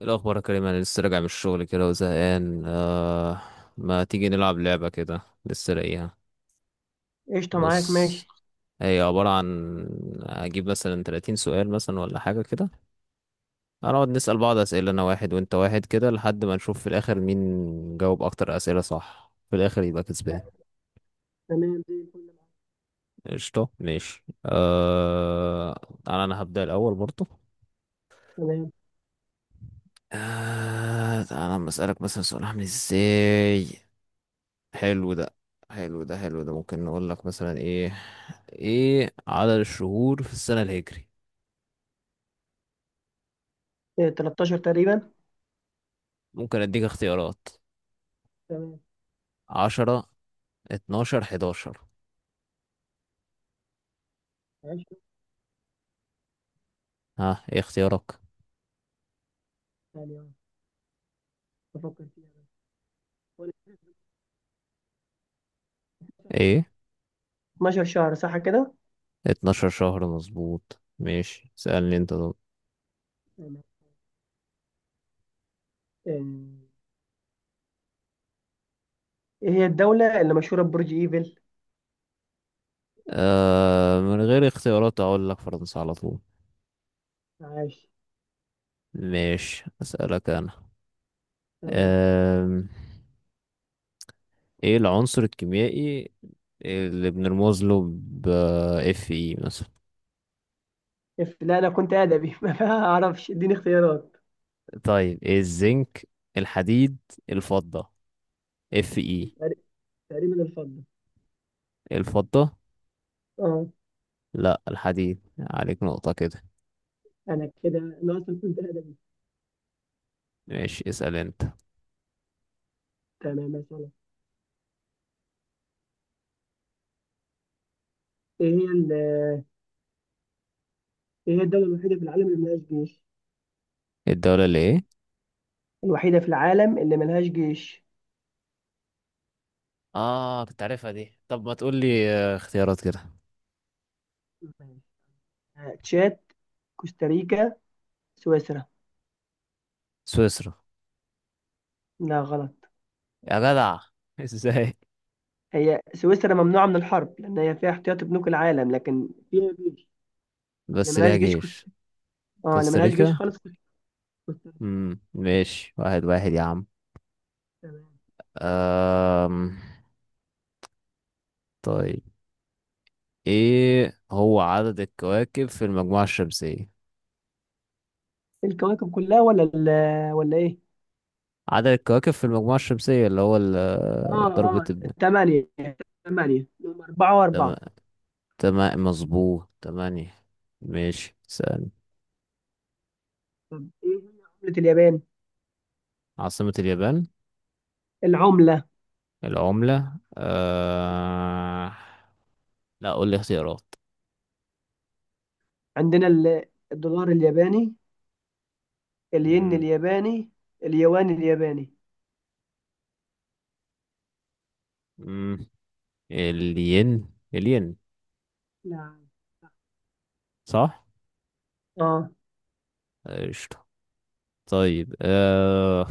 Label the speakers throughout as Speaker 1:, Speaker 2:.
Speaker 1: إيه الأخبار يا كريم؟ أنا لسه راجع من الشغل كده وزهقان. ما تيجي نلعب لعبة كده؟ لسه لاقيها.
Speaker 2: قشطة، معاك. ماشي.
Speaker 1: بص، هي عبارة عن أجيب مثلا 30 سؤال مثلا ولا حاجة كده، هنقعد نسأل بعض أسئلة، أنا واحد وأنت واحد كده لحد ما نشوف في الآخر مين جاوب أكتر أسئلة صح، في الآخر يبقى كسبان.
Speaker 2: تمام، زي الفل معاك.
Speaker 1: قشطة، ماشي. أنا هبدأ الأول برضه.
Speaker 2: تمام.
Speaker 1: تعالى أما أسألك مثلا سؤال، عامل إزاي؟ حلو ده، حلو ده، حلو ده. ممكن نقول لك مثلا ايه، ايه عدد الشهور في السنة الهجري؟
Speaker 2: إيه، 13 تقريبا.
Speaker 1: ممكن اديك اختيارات.
Speaker 2: تمام.
Speaker 1: 10، 12، 11.
Speaker 2: 20.
Speaker 1: ها، ايه اختيارك؟
Speaker 2: ثانية، بفكر فيها بس، ولا-
Speaker 1: ايه؟
Speaker 2: 12 شهر صح كده؟
Speaker 1: 12 شهر، مظبوط. ماشي، سألني انت طب.
Speaker 2: تمام. آه، ايه هي الدولة اللي مشهورة ببرج ايفل؟
Speaker 1: من غير اختيارات اقول لك فرنسا على طول.
Speaker 2: عاش.
Speaker 1: ماشي، اسألك انا.
Speaker 2: تمام.
Speaker 1: آه ايه العنصر الكيميائي اللي بنرمز له ب اف اي مثلا؟
Speaker 2: لا، انا كنت ادبي ما اعرفش، اديني اختيارات.
Speaker 1: طيب، إيه، الزنك، الحديد، الفضة، اف اي؟
Speaker 2: تقري- تقريبا الفضة.
Speaker 1: الفضة؟
Speaker 2: اه.
Speaker 1: لا، الحديد، عليك نقطة كده.
Speaker 2: انا كده، انا اصلا كنت ادبي.
Speaker 1: ماشي، اسأل انت.
Speaker 2: تمام، مثلا. ايه هي ال- ايه هي الدولة الوحيدة في العالم اللي ملهاش جيش؟
Speaker 1: الدولة اللي ايه؟
Speaker 2: الوحيدة في العالم اللي ملهاش جيش.
Speaker 1: اه، كنت عارفها دي، طب ما تقول لي اختيارات كده.
Speaker 2: تشاد، كوستاريكا، سويسرا.
Speaker 1: سويسرا.
Speaker 2: لا، غلط.
Speaker 1: يا جدع ازاي؟
Speaker 2: هي سويسرا ممنوعة من الحرب لأن هي فيها احتياطي بنوك العالم لكن فيها جيش. اللي
Speaker 1: بس
Speaker 2: ملهاش
Speaker 1: ليها
Speaker 2: جيش كوست
Speaker 1: جيش.
Speaker 2: اه اللي ملهاش جيش
Speaker 1: كوستاريكا.
Speaker 2: خالص كوستاريكا.
Speaker 1: ماشي، واحد واحد يا عم.
Speaker 2: تمام.
Speaker 1: أم... طيب، ايه هو عدد الكواكب في المجموعة الشمسية؟
Speaker 2: الكواكب كلها، ولا ولا ايه؟
Speaker 1: عدد الكواكب في المجموعة الشمسية، اللي هو
Speaker 2: اه،
Speaker 1: ضربة.
Speaker 2: اه، ثمانية. ثمانية هم أربعة
Speaker 1: تمام،
Speaker 2: وأربعة.
Speaker 1: تمام مظبوط، تمانية. ماشي، سأل.
Speaker 2: طب، ايه هي عملة اليابان؟
Speaker 1: عاصمة اليابان؟
Speaker 2: العملة.
Speaker 1: العملة؟ لا، قول لي اختيارات.
Speaker 2: عندنا الدولار الياباني، الين
Speaker 1: مم.
Speaker 2: الياباني، اليوان الياباني.
Speaker 1: مم. الين، الين.
Speaker 2: نعم.
Speaker 1: صح.
Speaker 2: اه.
Speaker 1: قشطة. طيب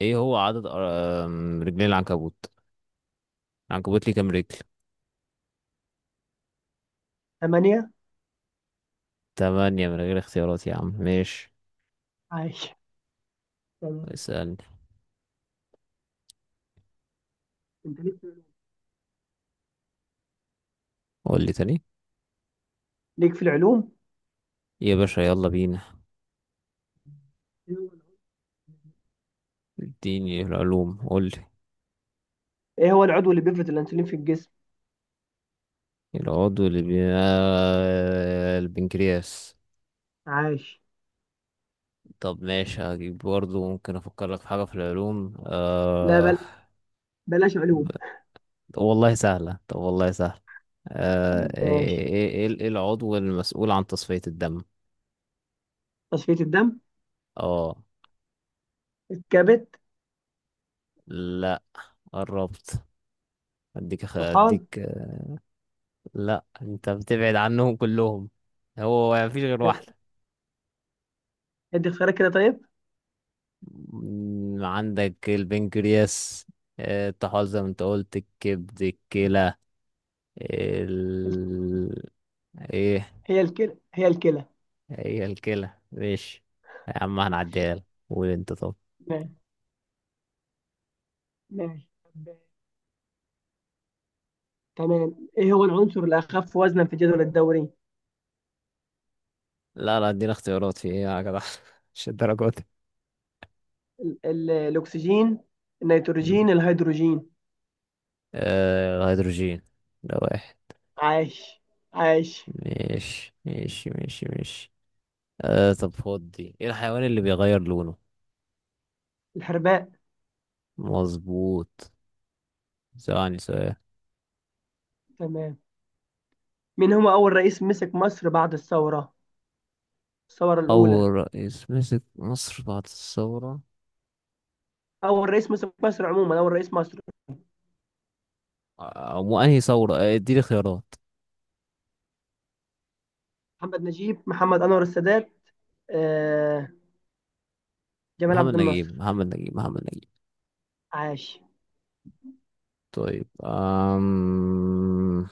Speaker 1: ايه هو عدد رجلين العنكبوت؟ العنكبوت ليه كام رجل؟
Speaker 2: ثمانية.
Speaker 1: تمانية، من غير اختيارات يا عم، ماشي.
Speaker 2: عايش. تمام.
Speaker 1: اسألني.
Speaker 2: انت لسه.
Speaker 1: قول لي تاني.
Speaker 2: ليك في العلوم.
Speaker 1: يا باشا يلا بينا، اديني العلوم، قول لي.
Speaker 2: ايه هو العضو اللي بيفرز الانسولين في الجسم؟
Speaker 1: العضو اللي بي... آه، البنكرياس.
Speaker 2: عاش.
Speaker 1: طب ماشي، هجيب برضه، ممكن افكر لك في حاجة في العلوم.
Speaker 2: لا، بلاش علوم.
Speaker 1: والله سهلة، طب والله سهلة. ايه ايه
Speaker 2: ماشي.
Speaker 1: ايه إيه إيه العضو المسؤول عن تصفية الدم؟
Speaker 2: تصفية الدم.
Speaker 1: اه،
Speaker 2: الكبد.
Speaker 1: لا، قربت. اديك
Speaker 2: طحال.
Speaker 1: اديك لا، انت بتبعد عنهم كلهم، هو مفيش غير واحدة.
Speaker 2: ادي اختيارات كده، طيب.
Speaker 1: عندك البنكرياس، التحالظم، انت قلت الكبد، الكلى،
Speaker 2: ال-
Speaker 1: ال... ايه.
Speaker 2: هي الكلى، هي الكلى.
Speaker 1: هي الكلى، ماشي يا عم، هنعديها لك. قول انت طب.
Speaker 2: ماشي. ماشي. طب- تمام، ايه هو العنصر الاخف وزنا في الجدول الدوري؟
Speaker 1: لا لا، ادينا اختيارات، في ايه يا جدع؟ مش الدرجات دي.
Speaker 2: الاكسجين،
Speaker 1: مم.
Speaker 2: النيتروجين، الهيدروجين.
Speaker 1: هيدروجين، ده واحد.
Speaker 2: عاش. عاش.
Speaker 1: ماشي ماشي ماشي ماشي. طب خد دي، ايه الحيوان اللي بيغير لونه؟
Speaker 2: الحرباء.
Speaker 1: مظبوط. ثواني، سؤال.
Speaker 2: تمام. مين هو اول رئيس مسك مصر بعد الثورة؟ الثورة الاولى.
Speaker 1: اول رئيس مسك مصر بعد الثورة؟
Speaker 2: اول رئيس مسك مصر عموما، اول رئيس مصر.
Speaker 1: وانهي ثورة؟ اديني خيارات.
Speaker 2: محمد نجيب، محمد أنور السادات، آه، جمال
Speaker 1: محمد
Speaker 2: عبد الناصر.
Speaker 1: نجيب، محمد نجيب، محمد نجيب.
Speaker 2: عاش.
Speaker 1: طيب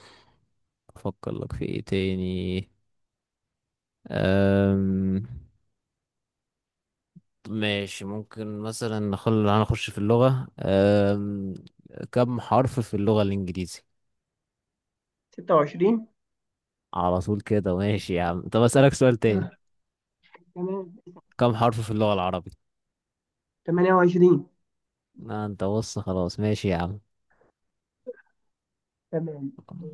Speaker 1: أفكر لك في إيه تاني؟ أم... ماشي، ممكن مثلا هنخش في اللغة. كم حرف في اللغة الإنجليزي؟
Speaker 2: 26.
Speaker 1: على طول كده، ماشي يا عم، طب أسألك سؤال تاني.
Speaker 2: آه. تمام.
Speaker 1: كم حرف في اللغة العربي؟
Speaker 2: 28.
Speaker 1: أنت بص، خلاص، ماشي يا عم.
Speaker 2: تمام. آه،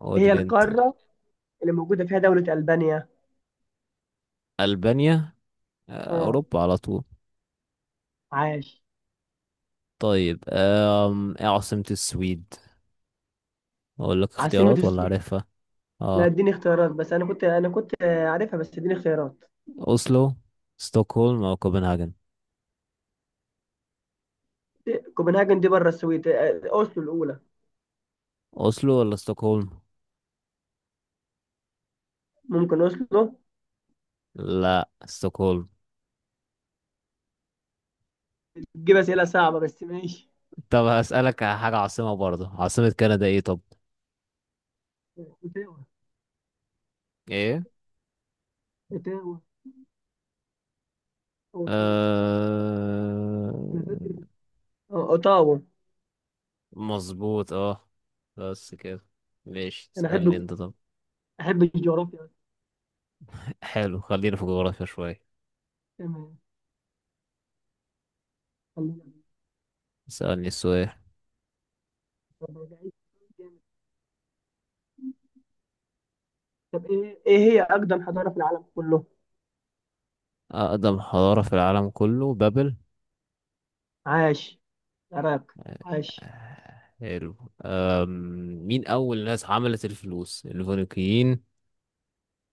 Speaker 1: قول
Speaker 2: إيه هي
Speaker 1: لي أنت.
Speaker 2: القارة اللي موجودة فيها دولة ألبانيا؟
Speaker 1: ألبانيا؟
Speaker 2: اه،
Speaker 1: أوروبا على طول.
Speaker 2: عاش.
Speaker 1: طيب إيه عاصمة السويد؟ أقول لك
Speaker 2: عاصمة
Speaker 1: اختيارات ولا عارفها؟
Speaker 2: لا،
Speaker 1: اه،
Speaker 2: اديني اختيارات، بس أنا كنت عارفها، بس اديني اختيارات.
Speaker 1: أوسلو، ستوكهولم أو كوبنهاجن.
Speaker 2: كوبنهاجن دي بره السويد. أوسلو الأولى.
Speaker 1: أوسلو ولا ستوكهولم؟
Speaker 2: ممكن أوسلو.
Speaker 1: لا، ستوكهولم.
Speaker 2: تجيب أسئلة صعبة، بس ماشي.
Speaker 1: طب هسألك على حاجة عاصمة برضه، عاصمة كندا إيه طب؟
Speaker 2: اوتاوا.
Speaker 1: إيه؟
Speaker 2: اوتاوا. اوتاوا.
Speaker 1: أه...
Speaker 2: انا فاكر. اه، اوتاوا.
Speaker 1: مظبوط، أه. بس كده. ماشي،
Speaker 2: انا
Speaker 1: تسألني أنت طب.
Speaker 2: أحب الجغرافيا.
Speaker 1: حلو، خلينا في جغرافيا شوية.
Speaker 2: تمام. خلينا.
Speaker 1: اسألني السؤال.
Speaker 2: بعيد. طب، إيه هي أقدم حضارة في العالم كله؟
Speaker 1: أقدم حضارة في العالم كله، بابل.
Speaker 2: عاش. العراق. عاش.
Speaker 1: حلو. أم... مين أول ناس عملت الفلوس، الفينيقيين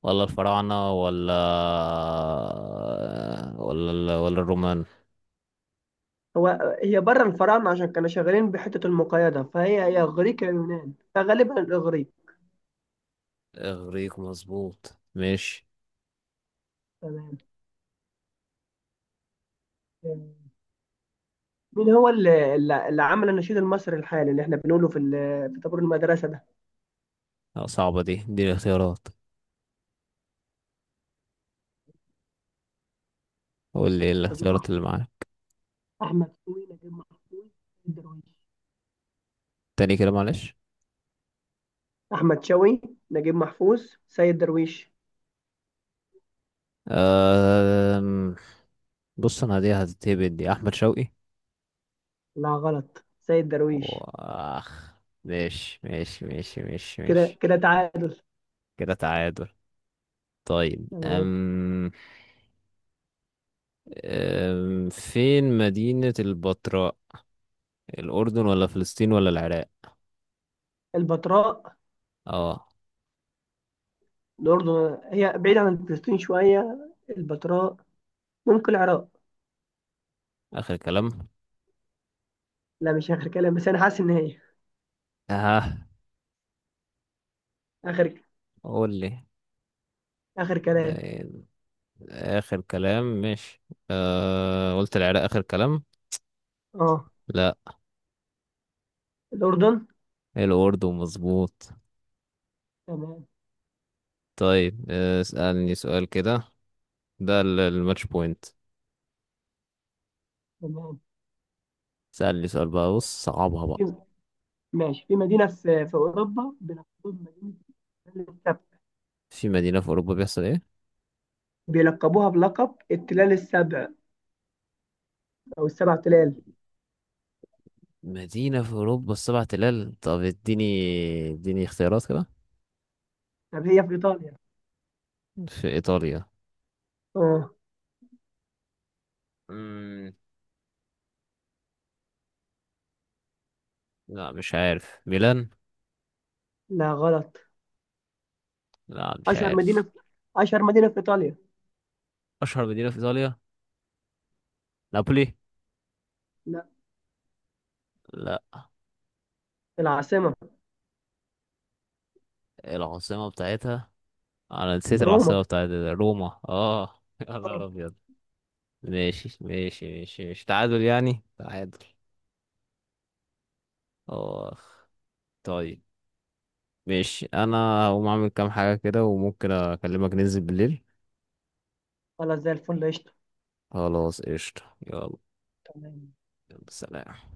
Speaker 1: ولا الفراعنة ولا ولا ولا الرومان؟
Speaker 2: هو هي بره الفراعنة عشان كانوا شغالين بحتة المقايضة، فهي إغريق يا يونان، فغالبا الإغريق.
Speaker 1: اغريق، مظبوط، ماشي.
Speaker 2: تمام. مين هو اللي عمل النشيد المصري الحالي اللي احنا بنقوله في طابور المدرسة ده؟
Speaker 1: لا، صعبة دي، الاختيارات، قول لي ايه
Speaker 2: نجيب
Speaker 1: الاختيارات
Speaker 2: محفوظ،
Speaker 1: اللي معاك.
Speaker 2: أحمد شوقي، نجيب محفوظ، سيد درويش.
Speaker 1: تاني كده معلش.
Speaker 2: أحمد شوقي، نجيب محفوظ، سيد درويش.
Speaker 1: أم... بص، انا دي هتتهبد، دي احمد شوقي.
Speaker 2: لا، غلط، سيد درويش.
Speaker 1: واخ. ماشي ماشي ماشي ماشي
Speaker 2: كده
Speaker 1: ماشي،
Speaker 2: كده، تعادل.
Speaker 1: كده تعادل. طيب
Speaker 2: تمام.
Speaker 1: فين مدينة البتراء، الأردن ولا فلسطين ولا العراق؟
Speaker 2: البتراء.
Speaker 1: اه.
Speaker 2: الأردن، هي بعيدة عن فلسطين شوية. البتراء. ممكن العراق.
Speaker 1: آخر كلام؟
Speaker 2: لا، مش آخر كلام، بس أنا حاسس إن هي...
Speaker 1: ها،
Speaker 2: آخر
Speaker 1: قول لي.
Speaker 2: آخر
Speaker 1: ده
Speaker 2: كلام.
Speaker 1: إيه؟ آخر كلام، مش، قلت العراق آخر كلام؟
Speaker 2: أه.
Speaker 1: لا.
Speaker 2: الأردن.
Speaker 1: الأردن مظبوط.
Speaker 2: تمام.
Speaker 1: طيب اسألني سؤال كده، ده الماتش بوينت.
Speaker 2: تمام.
Speaker 1: اسألني سؤال بقى، بص، صعبها بقى.
Speaker 2: في ماشي، في مدينة في أوروبا بيلقبوها بمدينة التلال السبع.
Speaker 1: في مدينة في أوروبا بيحصل إيه؟
Speaker 2: بيلقبوها بلقب التلال السبع، أو السبع تلال.
Speaker 1: مدينة في أوروبا السبع تلال؟ طب اديني، اديني اختيارات كده.
Speaker 2: طب، هي في إيطاليا.
Speaker 1: في إيطاليا؟
Speaker 2: أه.
Speaker 1: مم. لا، مش عارف، ميلان؟
Speaker 2: لا، غلط.
Speaker 1: لا، مش
Speaker 2: أشهر مدينة
Speaker 1: عارف.
Speaker 2: في أشهر مدينة في إيطاليا.
Speaker 1: أشهر مدينة في إيطاليا؟ نابولي؟
Speaker 2: لا.
Speaker 1: لا.
Speaker 2: العاصمة.
Speaker 1: العاصمة بتاعتها، انا نسيت
Speaker 2: روما.
Speaker 1: العاصمة بتاعت، روما. اه يا نهار ابيض. ماشي ماشي ماشي ماشي، تعادل يعني، تعادل. اخ. طيب، ماشي، انا هقوم اعمل كام حاجة كده، وممكن اكلمك ننزل بالليل.
Speaker 2: خلاص، زي الفل، قشطة.
Speaker 1: خلاص، قشطة، يلا.
Speaker 2: تمام.
Speaker 1: يلا سلام.